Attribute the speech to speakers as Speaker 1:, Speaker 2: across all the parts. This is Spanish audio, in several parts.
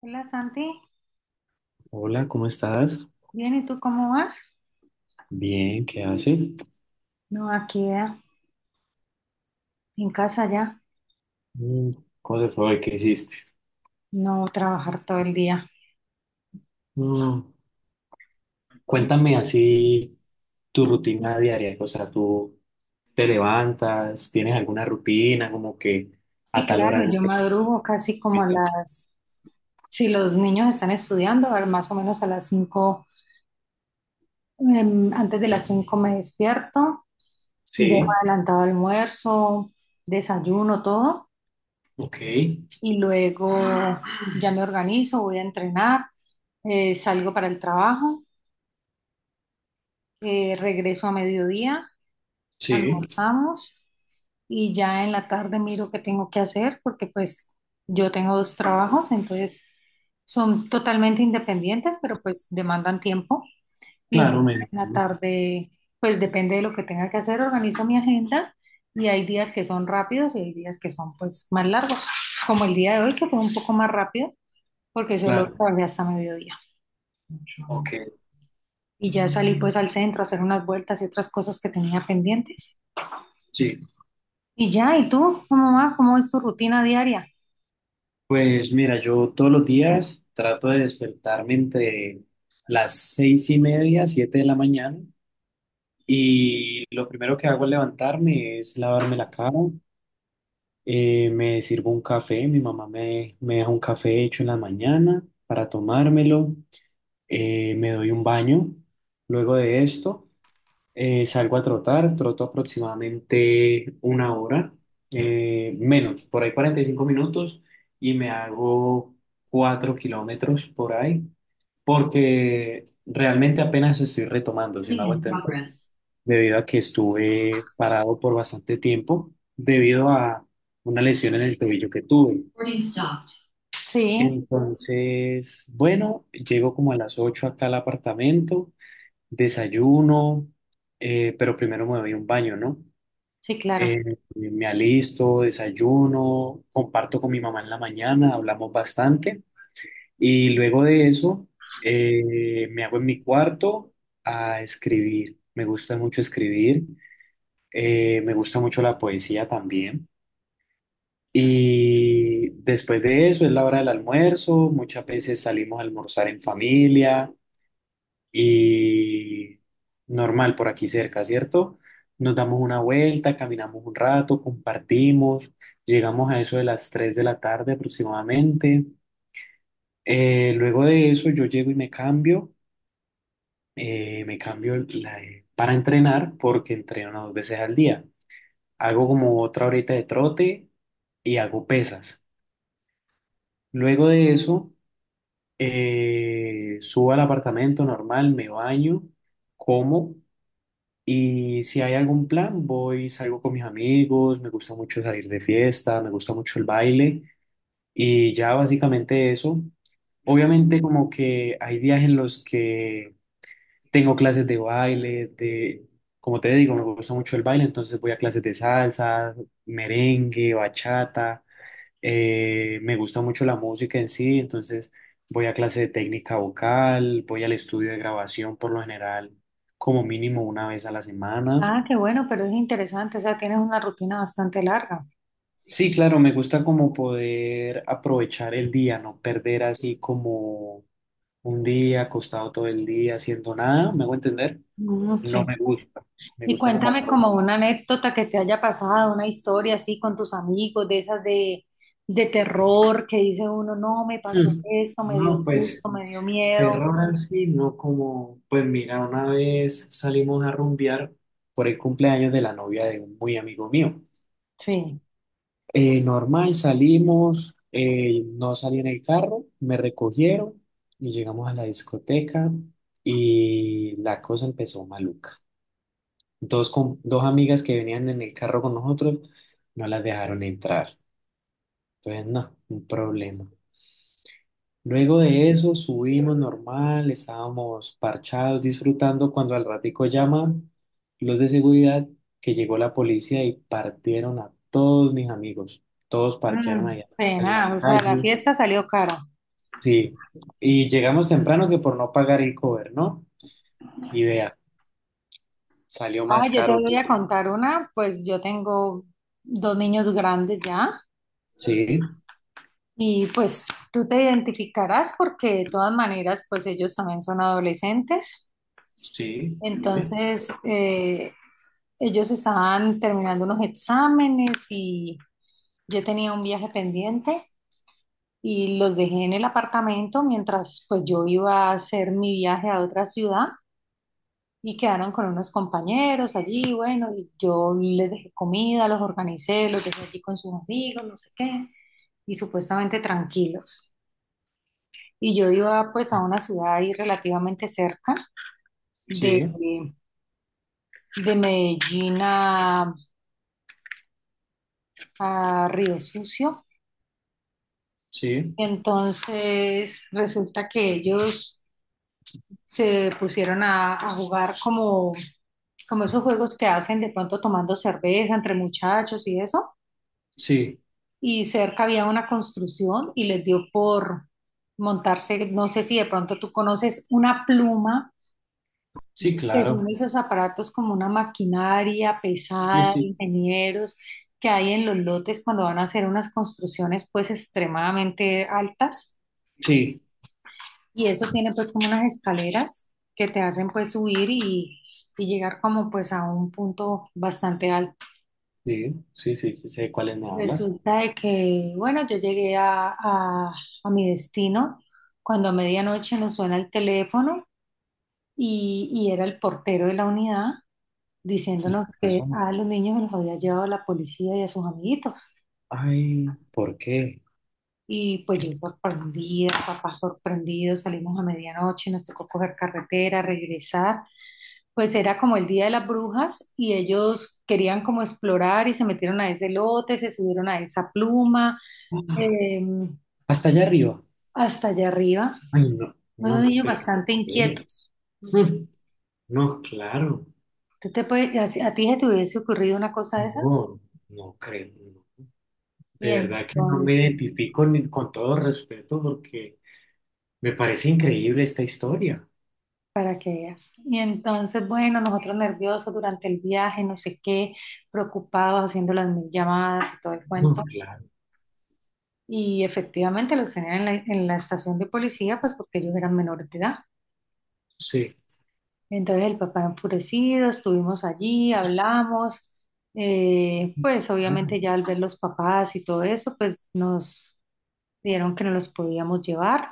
Speaker 1: Hola Santi,
Speaker 2: Hola, ¿cómo estás?
Speaker 1: bien, ¿y tú cómo vas?
Speaker 2: Bien, ¿qué haces?
Speaker 1: No, aquí en casa ya,
Speaker 2: Mm. ¿Cómo te fue hoy? ¿Qué hiciste?
Speaker 1: no trabajar todo el día.
Speaker 2: Mm. Cuéntame así tu rutina diaria, o sea, tú te levantas, tienes alguna rutina, como que
Speaker 1: Sí,
Speaker 2: ¿a tal hora
Speaker 1: claro,
Speaker 2: hago
Speaker 1: yo
Speaker 2: esto?
Speaker 1: madrugo casi como a las, si los niños están estudiando, a más o menos a las 5, antes de las 5 me despierto, dejo
Speaker 2: Sí,
Speaker 1: adelantado almuerzo, desayuno, todo,
Speaker 2: ok,
Speaker 1: y luego ya me organizo, voy a entrenar, salgo para el trabajo, regreso a mediodía
Speaker 2: sí,
Speaker 1: almorzamos y ya en la tarde miro qué tengo que hacer porque pues yo tengo dos trabajos, entonces son totalmente independientes, pero pues demandan tiempo y ya
Speaker 2: claro, me
Speaker 1: en la
Speaker 2: imagino,
Speaker 1: tarde pues depende de lo que tenga que hacer, organizo mi agenda y hay días que son rápidos y hay días que son pues más largos, como el día de hoy que fue un poco más rápido porque solo
Speaker 2: claro,
Speaker 1: trabajé hasta mediodía.
Speaker 2: ok,
Speaker 1: Y ya salí pues al centro a hacer unas vueltas y otras cosas que tenía pendientes.
Speaker 2: sí.
Speaker 1: Y ya, ¿y tú? ¿Cómo vas? ¿Cómo es tu rutina diaria?
Speaker 2: Pues mira, yo todos los días trato de despertarme entre las 6:30, 7 de la mañana. Y lo primero que hago al levantarme es lavarme la cara, me sirvo un café, mi mamá me deja un café hecho en la mañana para tomármelo, me doy un baño. Luego de esto, salgo a trotar, troto aproximadamente una hora, menos, por ahí 45 minutos y me hago 4 kilómetros por ahí, porque realmente apenas estoy retomando, si me
Speaker 1: Recording
Speaker 2: hago
Speaker 1: in
Speaker 2: entender,
Speaker 1: progress.
Speaker 2: debido a que estuve parado por bastante tiempo debido a una lesión en el tobillo que tuve.
Speaker 1: Recording stopped. Sí,
Speaker 2: Entonces, bueno, llego como a las 8 acá al apartamento, desayuno, pero primero me doy un baño, ¿no?
Speaker 1: sí, claro.
Speaker 2: Eh, me alisto, desayuno, comparto con mi mamá en la mañana, hablamos bastante y luego de eso me hago en mi cuarto a escribir. Me gusta mucho escribir. Me gusta mucho la poesía también. Y después de eso es la hora del almuerzo. Muchas veces salimos a almorzar en familia y normal por aquí cerca, ¿cierto? Nos damos una vuelta, caminamos un rato, compartimos. Llegamos a eso de las 3 de la tarde aproximadamente. Luego de eso yo llego y me cambio. eh, me cambio la- para entrenar porque entreno dos veces al día. Hago como otra horita de trote y hago pesas. Luego de eso, subo al apartamento normal, me baño, como, y si hay algún plan, voy, salgo con mis amigos, me gusta mucho salir de fiesta, me gusta mucho el baile y ya básicamente eso. Obviamente como que hay días en los que tengo clases de baile, de, como te digo, me gusta mucho el baile, entonces voy a clases de salsa, merengue, bachata. Me gusta mucho la música en sí, entonces voy a clase de técnica vocal, voy al estudio de grabación por lo general, como mínimo una vez a la semana.
Speaker 1: Ah, qué bueno, pero es interesante, o sea, tienes una rutina bastante larga.
Speaker 2: Sí, claro, me gusta como poder aprovechar el día, no perder así como un día acostado todo el día haciendo nada, ¿me hago entender?
Speaker 1: Mm,
Speaker 2: No
Speaker 1: sí.
Speaker 2: me gusta, me
Speaker 1: Y
Speaker 2: gusta como
Speaker 1: cuéntame como
Speaker 2: aprovechar.
Speaker 1: una anécdota que te haya pasado, una historia así con tus amigos, de esas de terror, que dice uno, no, me pasó
Speaker 2: Mm.
Speaker 1: esto, me dio
Speaker 2: No, pues.
Speaker 1: susto, me dio miedo.
Speaker 2: Terror así, no, como, pues mira, una vez salimos a rumbear por el cumpleaños de la novia de un muy amigo mío.
Speaker 1: Sí.
Speaker 2: Normal, salimos, no salí en el carro, me recogieron y llegamos a la discoteca y la cosa empezó maluca. Dos amigas que venían en el carro con nosotros no las dejaron entrar. Entonces, no, un problema. Luego de eso subimos normal, estábamos parchados, disfrutando cuando al ratico llaman los de seguridad que llegó la policía y partieron a todos mis amigos. Todos parquearon
Speaker 1: Mm,
Speaker 2: allá en la
Speaker 1: pena, o sea, la
Speaker 2: calle.
Speaker 1: fiesta salió cara.
Speaker 2: Sí, y llegamos temprano que por no pagar el cover, ¿no? Y vea, salió
Speaker 1: Ah,
Speaker 2: más
Speaker 1: yo te
Speaker 2: caro
Speaker 1: voy a
Speaker 2: todo.
Speaker 1: contar una, pues yo tengo dos niños grandes ya
Speaker 2: Sí,
Speaker 1: y pues tú te identificarás porque de todas maneras pues ellos también son adolescentes.
Speaker 2: sí, dime.
Speaker 1: Entonces, ellos estaban terminando unos exámenes y yo tenía un viaje pendiente y los dejé en el apartamento mientras pues yo iba a hacer mi viaje a otra ciudad. Y quedaron con unos compañeros allí, bueno, y yo les dejé comida, los organicé, los dejé allí con sus amigos, no sé qué, y supuestamente tranquilos. Y yo iba pues a una ciudad ahí relativamente cerca de,
Speaker 2: Sí,
Speaker 1: de Medellín a Río Sucio.
Speaker 2: sí,
Speaker 1: Entonces resulta que ellos se pusieron a jugar como, como esos juegos que hacen de pronto tomando cerveza entre muchachos y eso
Speaker 2: sí,
Speaker 1: y cerca había una construcción y les dio por montarse, no sé si de pronto tú conoces una pluma,
Speaker 2: sí,
Speaker 1: que son
Speaker 2: claro.
Speaker 1: esos aparatos como una maquinaria
Speaker 2: Sí,
Speaker 1: pesada, de
Speaker 2: sí.
Speaker 1: ingenieros que hay en los lotes cuando van a hacer unas construcciones pues extremadamente altas
Speaker 2: Sí,
Speaker 1: y eso tiene pues como unas escaleras que te hacen pues subir y llegar como pues a un punto bastante alto.
Speaker 2: sí, sí, sí, sí, sé de cuáles me hablas.
Speaker 1: Resulta de que, bueno, yo llegué a mi destino cuando a medianoche nos suena el teléfono y era el portero de la unidad
Speaker 2: Y
Speaker 1: diciéndonos que
Speaker 2: eso
Speaker 1: a los niños los había llevado la policía y a sus amiguitos.
Speaker 2: ay, ¿por qué?
Speaker 1: Y pues yo sorprendida, papá sorprendido, salimos a medianoche, nos tocó coger carretera, regresar. Pues era como el Día de las Brujas y ellos querían como explorar y se metieron a ese lote, se subieron a esa pluma.
Speaker 2: Ah,
Speaker 1: em,
Speaker 2: hasta allá arriba.
Speaker 1: Hasta allá arriba,
Speaker 2: Ay, no, no,
Speaker 1: unos
Speaker 2: no
Speaker 1: niños
Speaker 2: te lo puedo
Speaker 1: bastante
Speaker 2: creer.
Speaker 1: inquietos.
Speaker 2: Mm. No, claro,
Speaker 1: ¿Tú te puedes, a, si- a ti se te hubiese ocurrido una cosa de esas?
Speaker 2: no, no creo. No.
Speaker 1: Y
Speaker 2: De verdad que no me
Speaker 1: entonces,
Speaker 2: identifico, ni con todo respeto, porque me parece increíble esta historia.
Speaker 1: para que veas. Y entonces, bueno, nosotros nerviosos durante el viaje, no sé qué, preocupados, haciendo las mil llamadas y todo el cuento.
Speaker 2: No, claro,
Speaker 1: Y efectivamente los tenían en la estación de policía, pues porque ellos eran menores de edad.
Speaker 2: sí,
Speaker 1: Entonces el papá enfurecido, estuvimos allí, hablamos, pues
Speaker 2: ah,
Speaker 1: obviamente ya al ver los papás y todo eso, pues nos, vieron que no los podíamos llevar.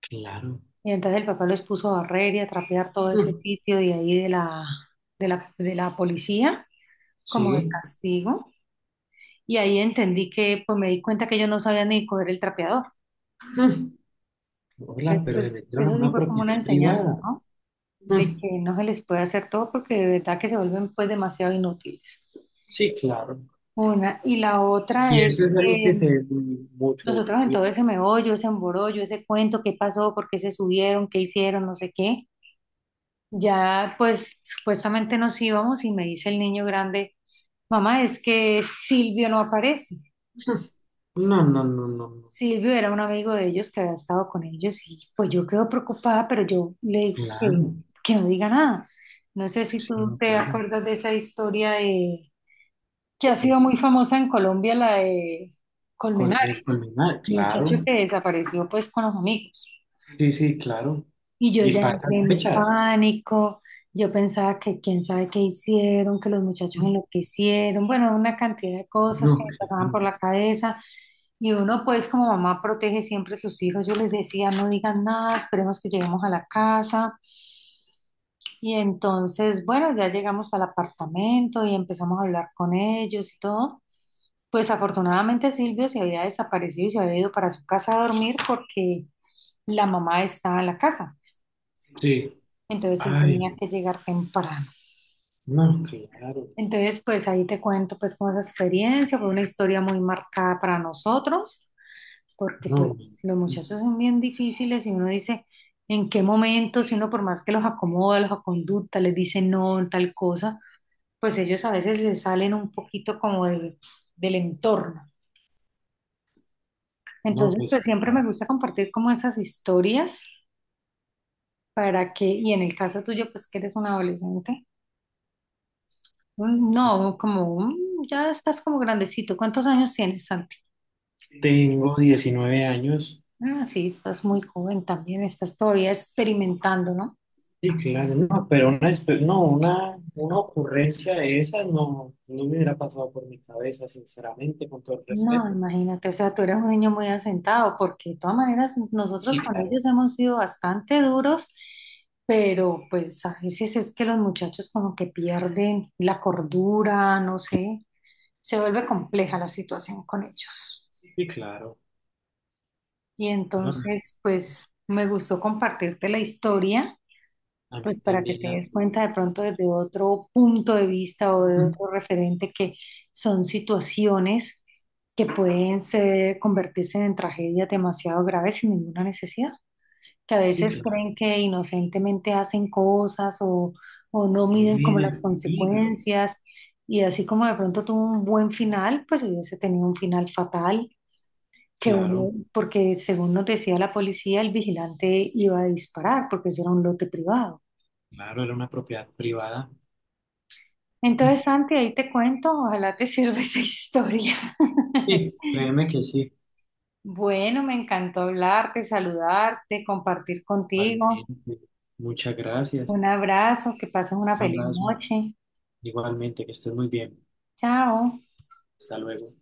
Speaker 2: claro.
Speaker 1: Y entonces el papá los puso a barrer y a trapear todo ese
Speaker 2: Mm.
Speaker 1: sitio de ahí de la, de la, de la policía, como de
Speaker 2: Sí.
Speaker 1: castigo. Y ahí entendí que, pues me di cuenta que ellos no sabían ni coger el trapeador.
Speaker 2: Mm. Hola,
Speaker 1: Entonces,
Speaker 2: pero se
Speaker 1: pues
Speaker 2: metieron a
Speaker 1: eso sí
Speaker 2: una
Speaker 1: fue como una
Speaker 2: propiedad
Speaker 1: enseñanza,
Speaker 2: privada.
Speaker 1: ¿no?
Speaker 2: Mm.
Speaker 1: De que no se les puede hacer todo porque de verdad que se vuelven pues demasiado inútiles.
Speaker 2: Sí, claro.
Speaker 1: Una. Y la otra
Speaker 2: Y eso
Speaker 1: es
Speaker 2: es algo que
Speaker 1: que
Speaker 2: se ve muy- mucho hoy
Speaker 1: nosotros
Speaker 2: en
Speaker 1: en
Speaker 2: día.
Speaker 1: todo ese meollo, ese emborollo, ese cuento, qué pasó, por qué se subieron, qué hicieron, no sé qué. Ya, pues supuestamente nos íbamos y me dice el niño grande, mamá, es que Silvio no aparece.
Speaker 2: No, no, no, no, no.
Speaker 1: Silvio era un amigo de ellos que había estado con ellos y pues yo quedo preocupada, pero yo le digo
Speaker 2: Claro,
Speaker 1: que no diga nada. No sé si
Speaker 2: sí,
Speaker 1: tú
Speaker 2: no,
Speaker 1: te
Speaker 2: claro.
Speaker 1: acuerdas de esa historia de, que ha
Speaker 2: Eh,
Speaker 1: sido muy famosa en Colombia, la de Colmenares,
Speaker 2: culminar,
Speaker 1: el
Speaker 2: claro.
Speaker 1: muchacho que desapareció pues con los amigos.
Speaker 2: Sí, sí, claro.
Speaker 1: Y yo
Speaker 2: Y
Speaker 1: ya
Speaker 2: para esas
Speaker 1: entré en
Speaker 2: fechas.
Speaker 1: pánico, yo pensaba que quién sabe qué hicieron, que los muchachos enloquecieron, bueno, una cantidad de cosas que
Speaker 2: No,
Speaker 1: me pasaban
Speaker 2: claro.
Speaker 1: por la cabeza. Y uno pues como mamá protege siempre a sus hijos, yo les decía, no digan nada, esperemos que lleguemos a la casa. Y entonces, bueno, ya llegamos al apartamento y empezamos a hablar con ellos y todo. Pues afortunadamente Silvio se había desaparecido y se había ido para su casa a dormir porque la mamá estaba en la casa.
Speaker 2: Sí.
Speaker 1: Entonces él tenía
Speaker 2: Ay,
Speaker 1: que llegar temprano.
Speaker 2: no, claro.
Speaker 1: Entonces, pues ahí te cuento pues como esa experiencia, fue una historia muy marcada para nosotros, porque
Speaker 2: No,
Speaker 1: pues los
Speaker 2: no,
Speaker 1: muchachos son bien difíciles y uno dice, ¿en qué momento? Si uno por más que los acomoda, los aconducta, les dice no, tal cosa, pues ellos a veces se salen un poquito como de- del entorno.
Speaker 2: no,
Speaker 1: Entonces,
Speaker 2: pues
Speaker 1: pues siempre me
Speaker 2: claro.
Speaker 1: gusta compartir como esas historias para que, y en el caso tuyo, pues que eres un adolescente. Mm, no, como mm, ya estás como grandecito. ¿Cuántos años tienes, Santi?
Speaker 2: Tengo 19 años.
Speaker 1: Ah, sí, estás muy joven también, estás todavía experimentando, ¿no?
Speaker 2: Sí, claro, no, pero una, no, una ocurrencia de esas no, no me hubiera pasado por mi cabeza, sinceramente, con todo el
Speaker 1: No,
Speaker 2: respeto.
Speaker 1: imagínate, o sea, tú eres un niño muy asentado, porque de todas maneras nosotros
Speaker 2: Sí,
Speaker 1: con
Speaker 2: claro.
Speaker 1: ellos hemos sido bastante duros, pero pues a veces es que los muchachos como que pierden la cordura, no sé, se vuelve compleja la situación con ellos.
Speaker 2: Sí, claro.
Speaker 1: Y
Speaker 2: No,
Speaker 1: entonces, pues me gustó compartirte la historia.
Speaker 2: a mí
Speaker 1: Pues para que
Speaker 2: también
Speaker 1: te
Speaker 2: la
Speaker 1: des
Speaker 2: tuve.
Speaker 1: cuenta de pronto desde otro punto de vista o de otro referente que son situaciones que pueden ser, convertirse en tragedias demasiado graves sin ninguna necesidad, que a
Speaker 2: Sí,
Speaker 1: veces
Speaker 2: claro,
Speaker 1: creen que inocentemente hacen cosas o no
Speaker 2: no
Speaker 1: miden como
Speaker 2: viene el
Speaker 1: las
Speaker 2: peligro.
Speaker 1: consecuencias y así como de pronto tuvo un buen final, pues hubiese tenido un final fatal. Que
Speaker 2: Claro,
Speaker 1: uno- porque según nos decía la policía, el vigilante iba a disparar porque eso era un lote privado.
Speaker 2: claro, era una propiedad privada.
Speaker 1: Entonces, Santi, ahí te cuento, ojalá te sirva esa historia.
Speaker 2: Sí, créeme que sí.
Speaker 1: Bueno, me encantó hablarte, saludarte, compartir contigo.
Speaker 2: Igualmente, muchas gracias.
Speaker 1: Un abrazo, que pases una
Speaker 2: Un
Speaker 1: feliz
Speaker 2: abrazo.
Speaker 1: noche.
Speaker 2: Igualmente, que estés muy bien.
Speaker 1: Chao.
Speaker 2: Hasta luego.